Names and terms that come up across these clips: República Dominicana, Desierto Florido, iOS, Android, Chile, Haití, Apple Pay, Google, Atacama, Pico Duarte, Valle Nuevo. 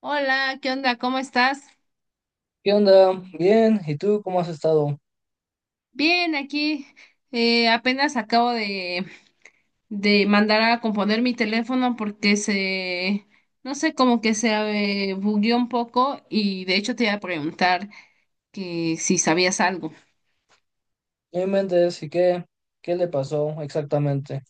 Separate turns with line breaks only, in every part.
Hola, ¿qué onda? ¿Cómo estás?
¿Qué onda? Bien, ¿y tú cómo has estado?
Bien, aquí apenas acabo de mandar a componer mi teléfono porque no sé, como que se bugueó un poco y de hecho te iba a preguntar que si sabías algo.
No inventes, ¿y qué? ¿Qué le pasó exactamente?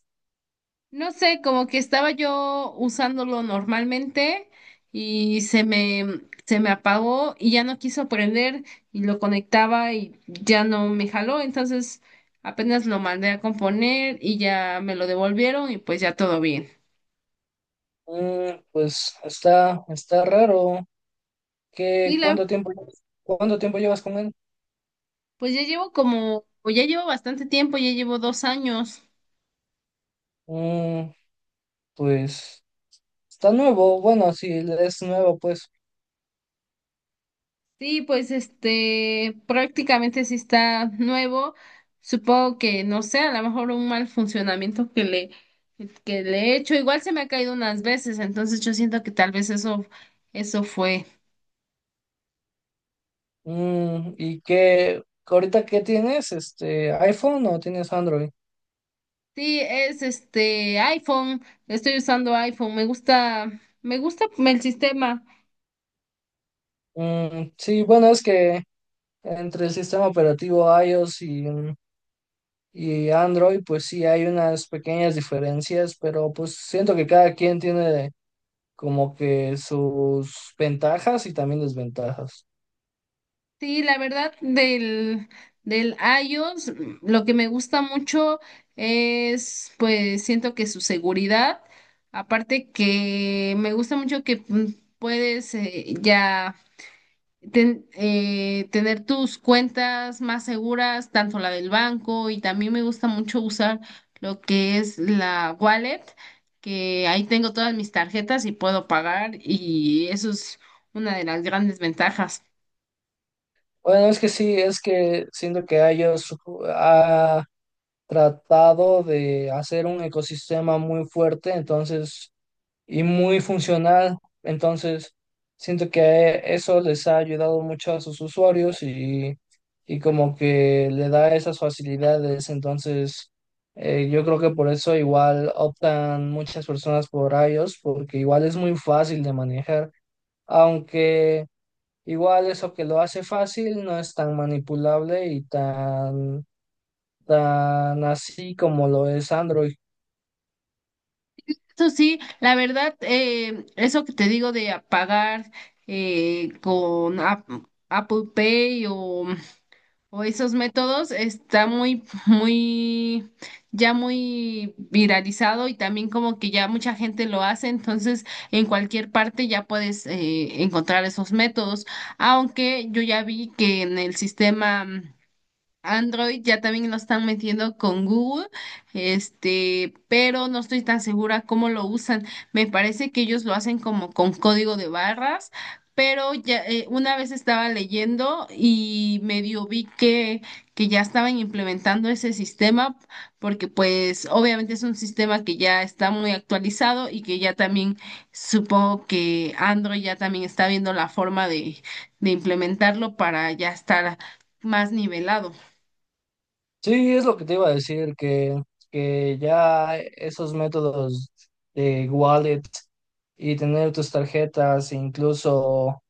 No sé, como que estaba yo usándolo normalmente y se me apagó y ya no quiso prender y lo conectaba y ya no me jaló. Entonces apenas lo mandé a componer y ya me lo devolvieron y pues ya todo bien.
Mm, pues está raro.
Sí,
¿Qué, cuánto tiempo, llevas- Cuánto tiempo llevas con él?
pues ya llevo como, o ya llevo bastante tiempo, ya llevo 2 años.
Mm, pues está nuevo, bueno, sí, es nuevo, pues.
Sí, pues este prácticamente sí está nuevo. Supongo que, no sé, a lo mejor un mal funcionamiento que le he hecho. Igual se me ha caído unas veces, entonces yo siento que tal vez eso fue.
Mm, ¿y qué, ahorita qué tienes? Este, ¿iPhone o tienes Android?
Sí, es este iPhone. Estoy usando iPhone. Me gusta el sistema.
Mm, sí, bueno, es que entre el sistema operativo iOS y Android, pues sí, hay unas pequeñas diferencias, pero pues siento que cada quien tiene como que sus ventajas y también desventajas.
Sí, la verdad del iOS, mm, lo que me gusta mucho es, pues siento que su seguridad, aparte que me gusta mucho que puedes ya tener tus cuentas más seguras, tanto la del banco y también me gusta mucho usar lo que es la wallet, que ahí tengo todas mis tarjetas y puedo pagar y eso es una de las grandes ventajas.
Bueno, es que sí, es que siento que ellos ha tratado de hacer un ecosistema muy fuerte, entonces y muy funcional. Entonces, siento que eso les ha ayudado mucho a sus usuarios y como que le da esas facilidades. Entonces, yo creo que por eso igual optan muchas personas por iOS, porque igual es muy fácil de manejar, aunque igual eso que lo hace fácil no es tan manipulable y tan tan así como lo es Android.
Eso sí, la verdad, eso que te digo de apagar con Apple Pay o esos métodos está muy, ya muy viralizado y también como que ya mucha gente lo hace, entonces en cualquier parte ya puedes encontrar esos métodos, aunque yo ya vi que en el sistema Android ya también lo están metiendo con Google, este, pero no estoy tan segura cómo lo usan. Me parece que ellos lo hacen como con código de barras, pero ya una vez estaba leyendo y medio vi que ya estaban implementando ese sistema, porque pues obviamente es un sistema que ya está muy actualizado y que ya también supongo que Android ya también está viendo la forma de implementarlo para ya estar más nivelado.
Sí, es lo que te iba a decir, que ya esos métodos de wallet y tener tus tarjetas, incluso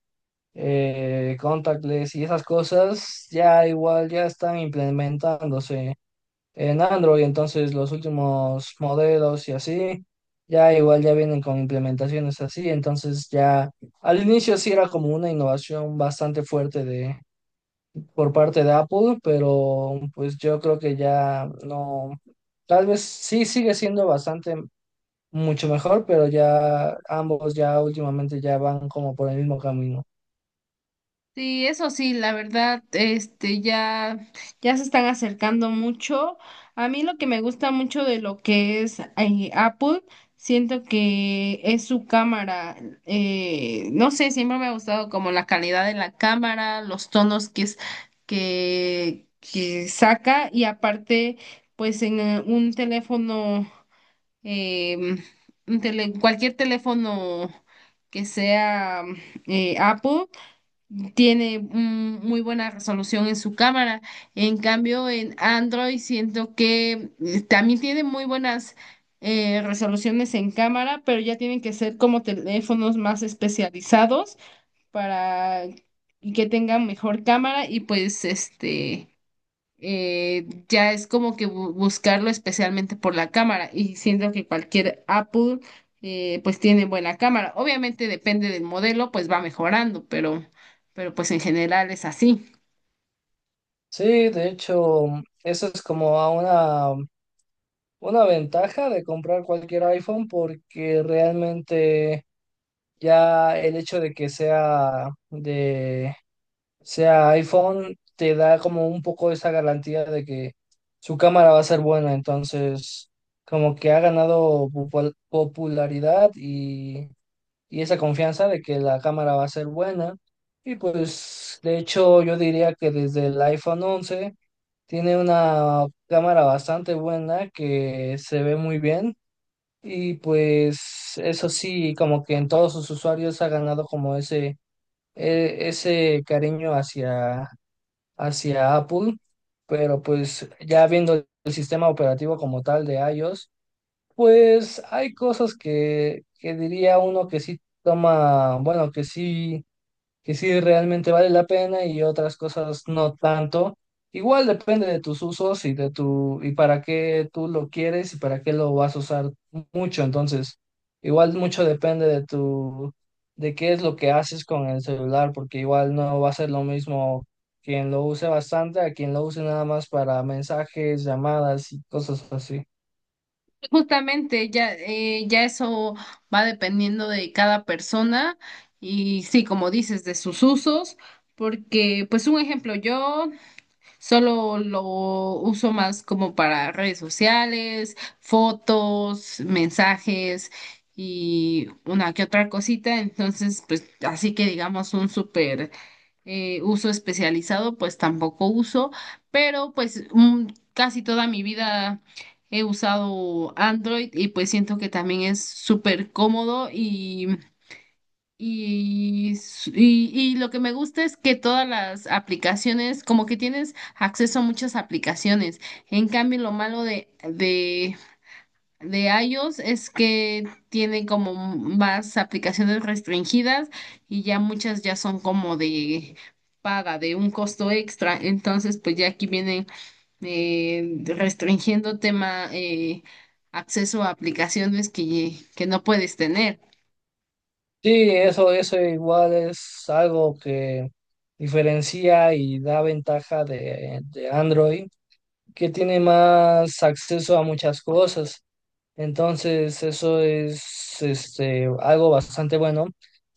contactless y esas cosas, ya igual ya están implementándose en Android. Entonces los últimos modelos y así, ya igual ya vienen con implementaciones así. Entonces ya al inicio sí era como una innovación bastante fuerte por parte de Apple, pero pues yo creo que ya no, tal vez sí sigue siendo bastante mucho mejor, pero ya ambos ya últimamente ya van como por el mismo camino.
Sí, eso sí, la verdad, este, ya, ya se están acercando mucho. A mí lo que me gusta mucho de lo que es Apple, siento que es su cámara. No sé, siempre me ha gustado como la calidad de la cámara, los tonos que que saca y aparte, pues en un teléfono, em, un cualquier teléfono que sea Apple tiene muy buena resolución en su cámara. En cambio, en Android siento que también tiene muy buenas resoluciones en cámara, pero ya tienen que ser como teléfonos más especializados para y que tengan mejor cámara y pues este ya es como que buscarlo especialmente por la cámara y siento que cualquier Apple pues tiene buena cámara. Obviamente depende del modelo, pues va mejorando, pero pues en general es así.
Sí, de hecho, eso es como a una, una ventaja de comprar cualquier iPhone porque realmente ya el hecho de que sea de, o sea, iPhone te da como un poco esa garantía de que su cámara va a ser buena, entonces como que ha ganado popularidad y esa confianza de que la cámara va a ser buena. Y pues de hecho yo diría que desde el iPhone 11 tiene una cámara bastante buena que se ve muy bien y pues eso sí, como que en todos sus usuarios ha ganado como ese cariño hacia Apple, pero pues ya viendo el sistema operativo como tal de iOS, pues hay cosas que diría uno que sí toma, bueno, que sí, que sí realmente vale la pena y otras cosas no tanto. Igual depende de tus usos y de tu y para qué tú lo quieres y para qué lo vas a usar mucho. Entonces, igual mucho depende de tu de qué es lo que haces con el celular, porque igual no va a ser lo mismo quien lo use bastante a quien lo use nada más para mensajes, llamadas y cosas así.
Justamente ya, ya eso va dependiendo de cada persona y sí, como dices, de sus usos, porque pues un ejemplo, yo... Solo lo uso más como para redes sociales, fotos, mensajes y una que otra cosita. Entonces, pues así que digamos un súper uso especializado, pues tampoco uso, pero pues casi toda mi vida he usado Android y pues siento que también es súper cómodo y y lo que me gusta es que todas las aplicaciones, como que tienes acceso a muchas aplicaciones. En cambio, lo malo de iOS es que tiene como más aplicaciones restringidas y ya muchas ya son como de paga, de un costo extra. Entonces, pues ya aquí viene restringiendo tema acceso a aplicaciones que no puedes tener.
Sí, eso igual es algo que diferencia y da ventaja de Android que tiene más acceso a muchas cosas. Entonces, eso es este, algo bastante bueno.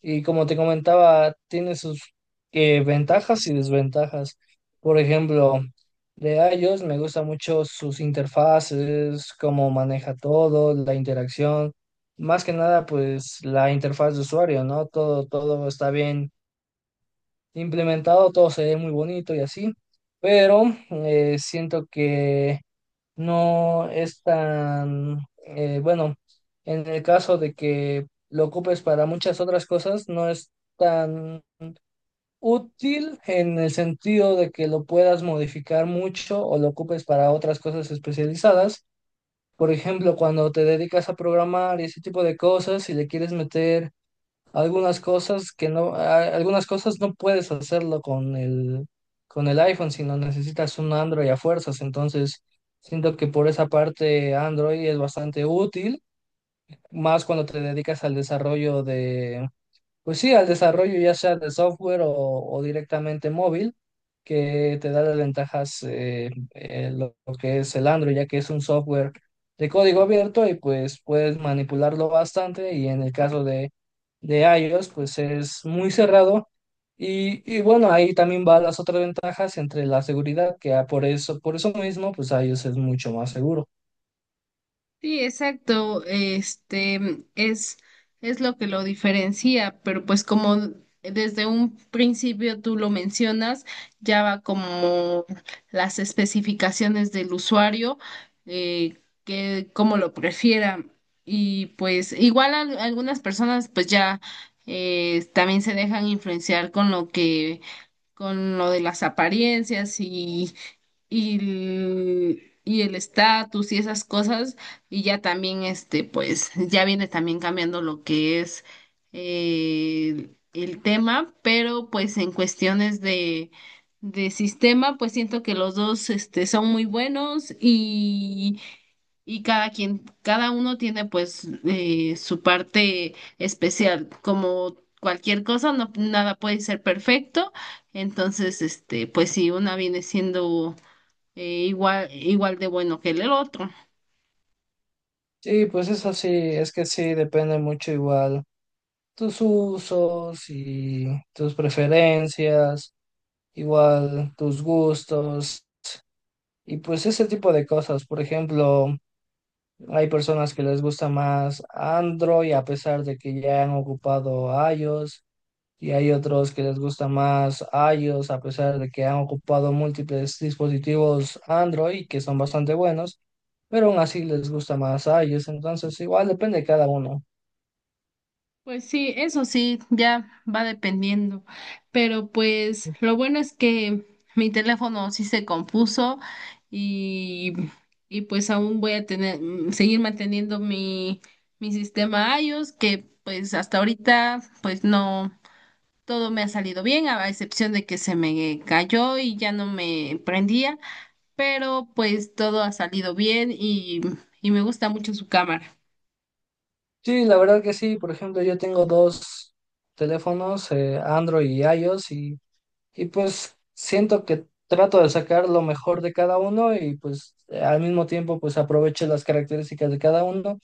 Y como te comentaba, tiene sus ventajas y desventajas. Por ejemplo, de iOS me gusta mucho sus interfaces, cómo maneja todo, la interacción. Más que nada, pues la interfaz de usuario, ¿no? Todo, todo está bien implementado, todo se ve muy bonito y así. Pero siento que no es tan, bueno, en el caso de que lo ocupes para muchas otras cosas, no es tan útil en el sentido de que lo puedas modificar mucho o lo ocupes para otras cosas especializadas. Por ejemplo, cuando te dedicas a programar y ese tipo de cosas, si le quieres meter algunas cosas que no, a- algunas cosas no puedes hacerlo con el iPhone, sino necesitas un Android a fuerzas. Entonces, siento que por esa parte Android es bastante útil, más cuando te dedicas al desarrollo pues sí, al desarrollo ya sea de software o directamente móvil, que te da las ventajas lo que es el Android, ya que es un software de código abierto y pues puedes manipularlo bastante y en el caso de iOS pues es muy cerrado y bueno, ahí también van las otras ventajas entre la seguridad, que ah, por eso mismo pues iOS es mucho más seguro.
Sí, exacto. Este es, es lo que lo diferencia, pero pues como desde un principio tú lo mencionas, ya va como las especificaciones del usuario, que cómo lo prefiera. Y pues igual algunas personas pues ya también se dejan influenciar con lo con lo de las apariencias y, y el estatus y esas cosas, y ya también, este, pues, ya viene también cambiando lo que es el tema, pero pues en cuestiones de sistema, pues siento que los dos, este, son muy buenos y cada quien, cada uno tiene pues su parte especial, como cualquier cosa, no, nada puede ser perfecto, entonces, este, pues si una viene siendo igual de bueno que el otro.
Sí, pues eso sí, es que sí, depende mucho igual tus usos y tus preferencias, igual tus gustos y pues ese tipo de cosas. Por ejemplo, hay personas que les gusta más Android a pesar de que ya han ocupado iOS y hay otros que les gusta más iOS a pesar de que han ocupado múltiples dispositivos Android que son bastante buenos, pero aún así les gusta más iOS. Entonces, igual depende de cada uno.
Pues sí, eso sí, ya va dependiendo. Pero pues lo bueno es que mi teléfono sí se compuso y, y pues aún voy a tener, seguir manteniendo mi sistema iOS, que pues hasta ahorita pues no, todo me ha salido bien, a excepción de que se me cayó y ya no me prendía, pero pues todo ha salido bien y me gusta mucho su cámara.
Sí, la verdad que sí. Por ejemplo, yo tengo dos teléfonos, Android y iOS, y pues siento que trato de sacar lo mejor de cada uno y pues al mismo tiempo pues aprovecho las características de cada uno.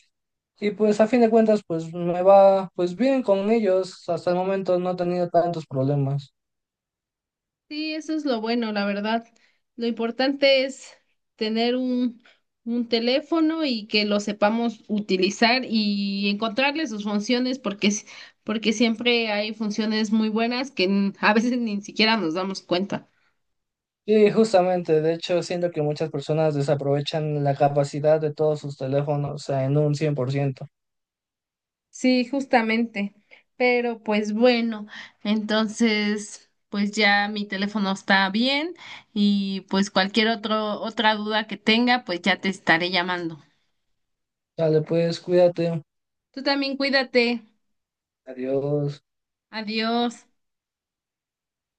Y pues a fin de cuentas pues me va pues bien con ellos. Hasta el momento no he tenido tantos problemas.
Sí, eso es lo bueno, la verdad. Lo importante es tener un teléfono y que lo sepamos utilizar y encontrarle sus funciones, porque siempre hay funciones muy buenas que a veces ni siquiera nos damos cuenta.
Sí, justamente, de hecho, siento que muchas personas desaprovechan la capacidad de todos sus teléfonos, o sea, en un 100%.
Sí, justamente. Pero pues bueno, entonces pues ya mi teléfono está bien y pues cualquier otra duda que tenga, pues ya te estaré llamando.
Dale, pues cuídate.
Tú también cuídate.
Adiós.
Adiós.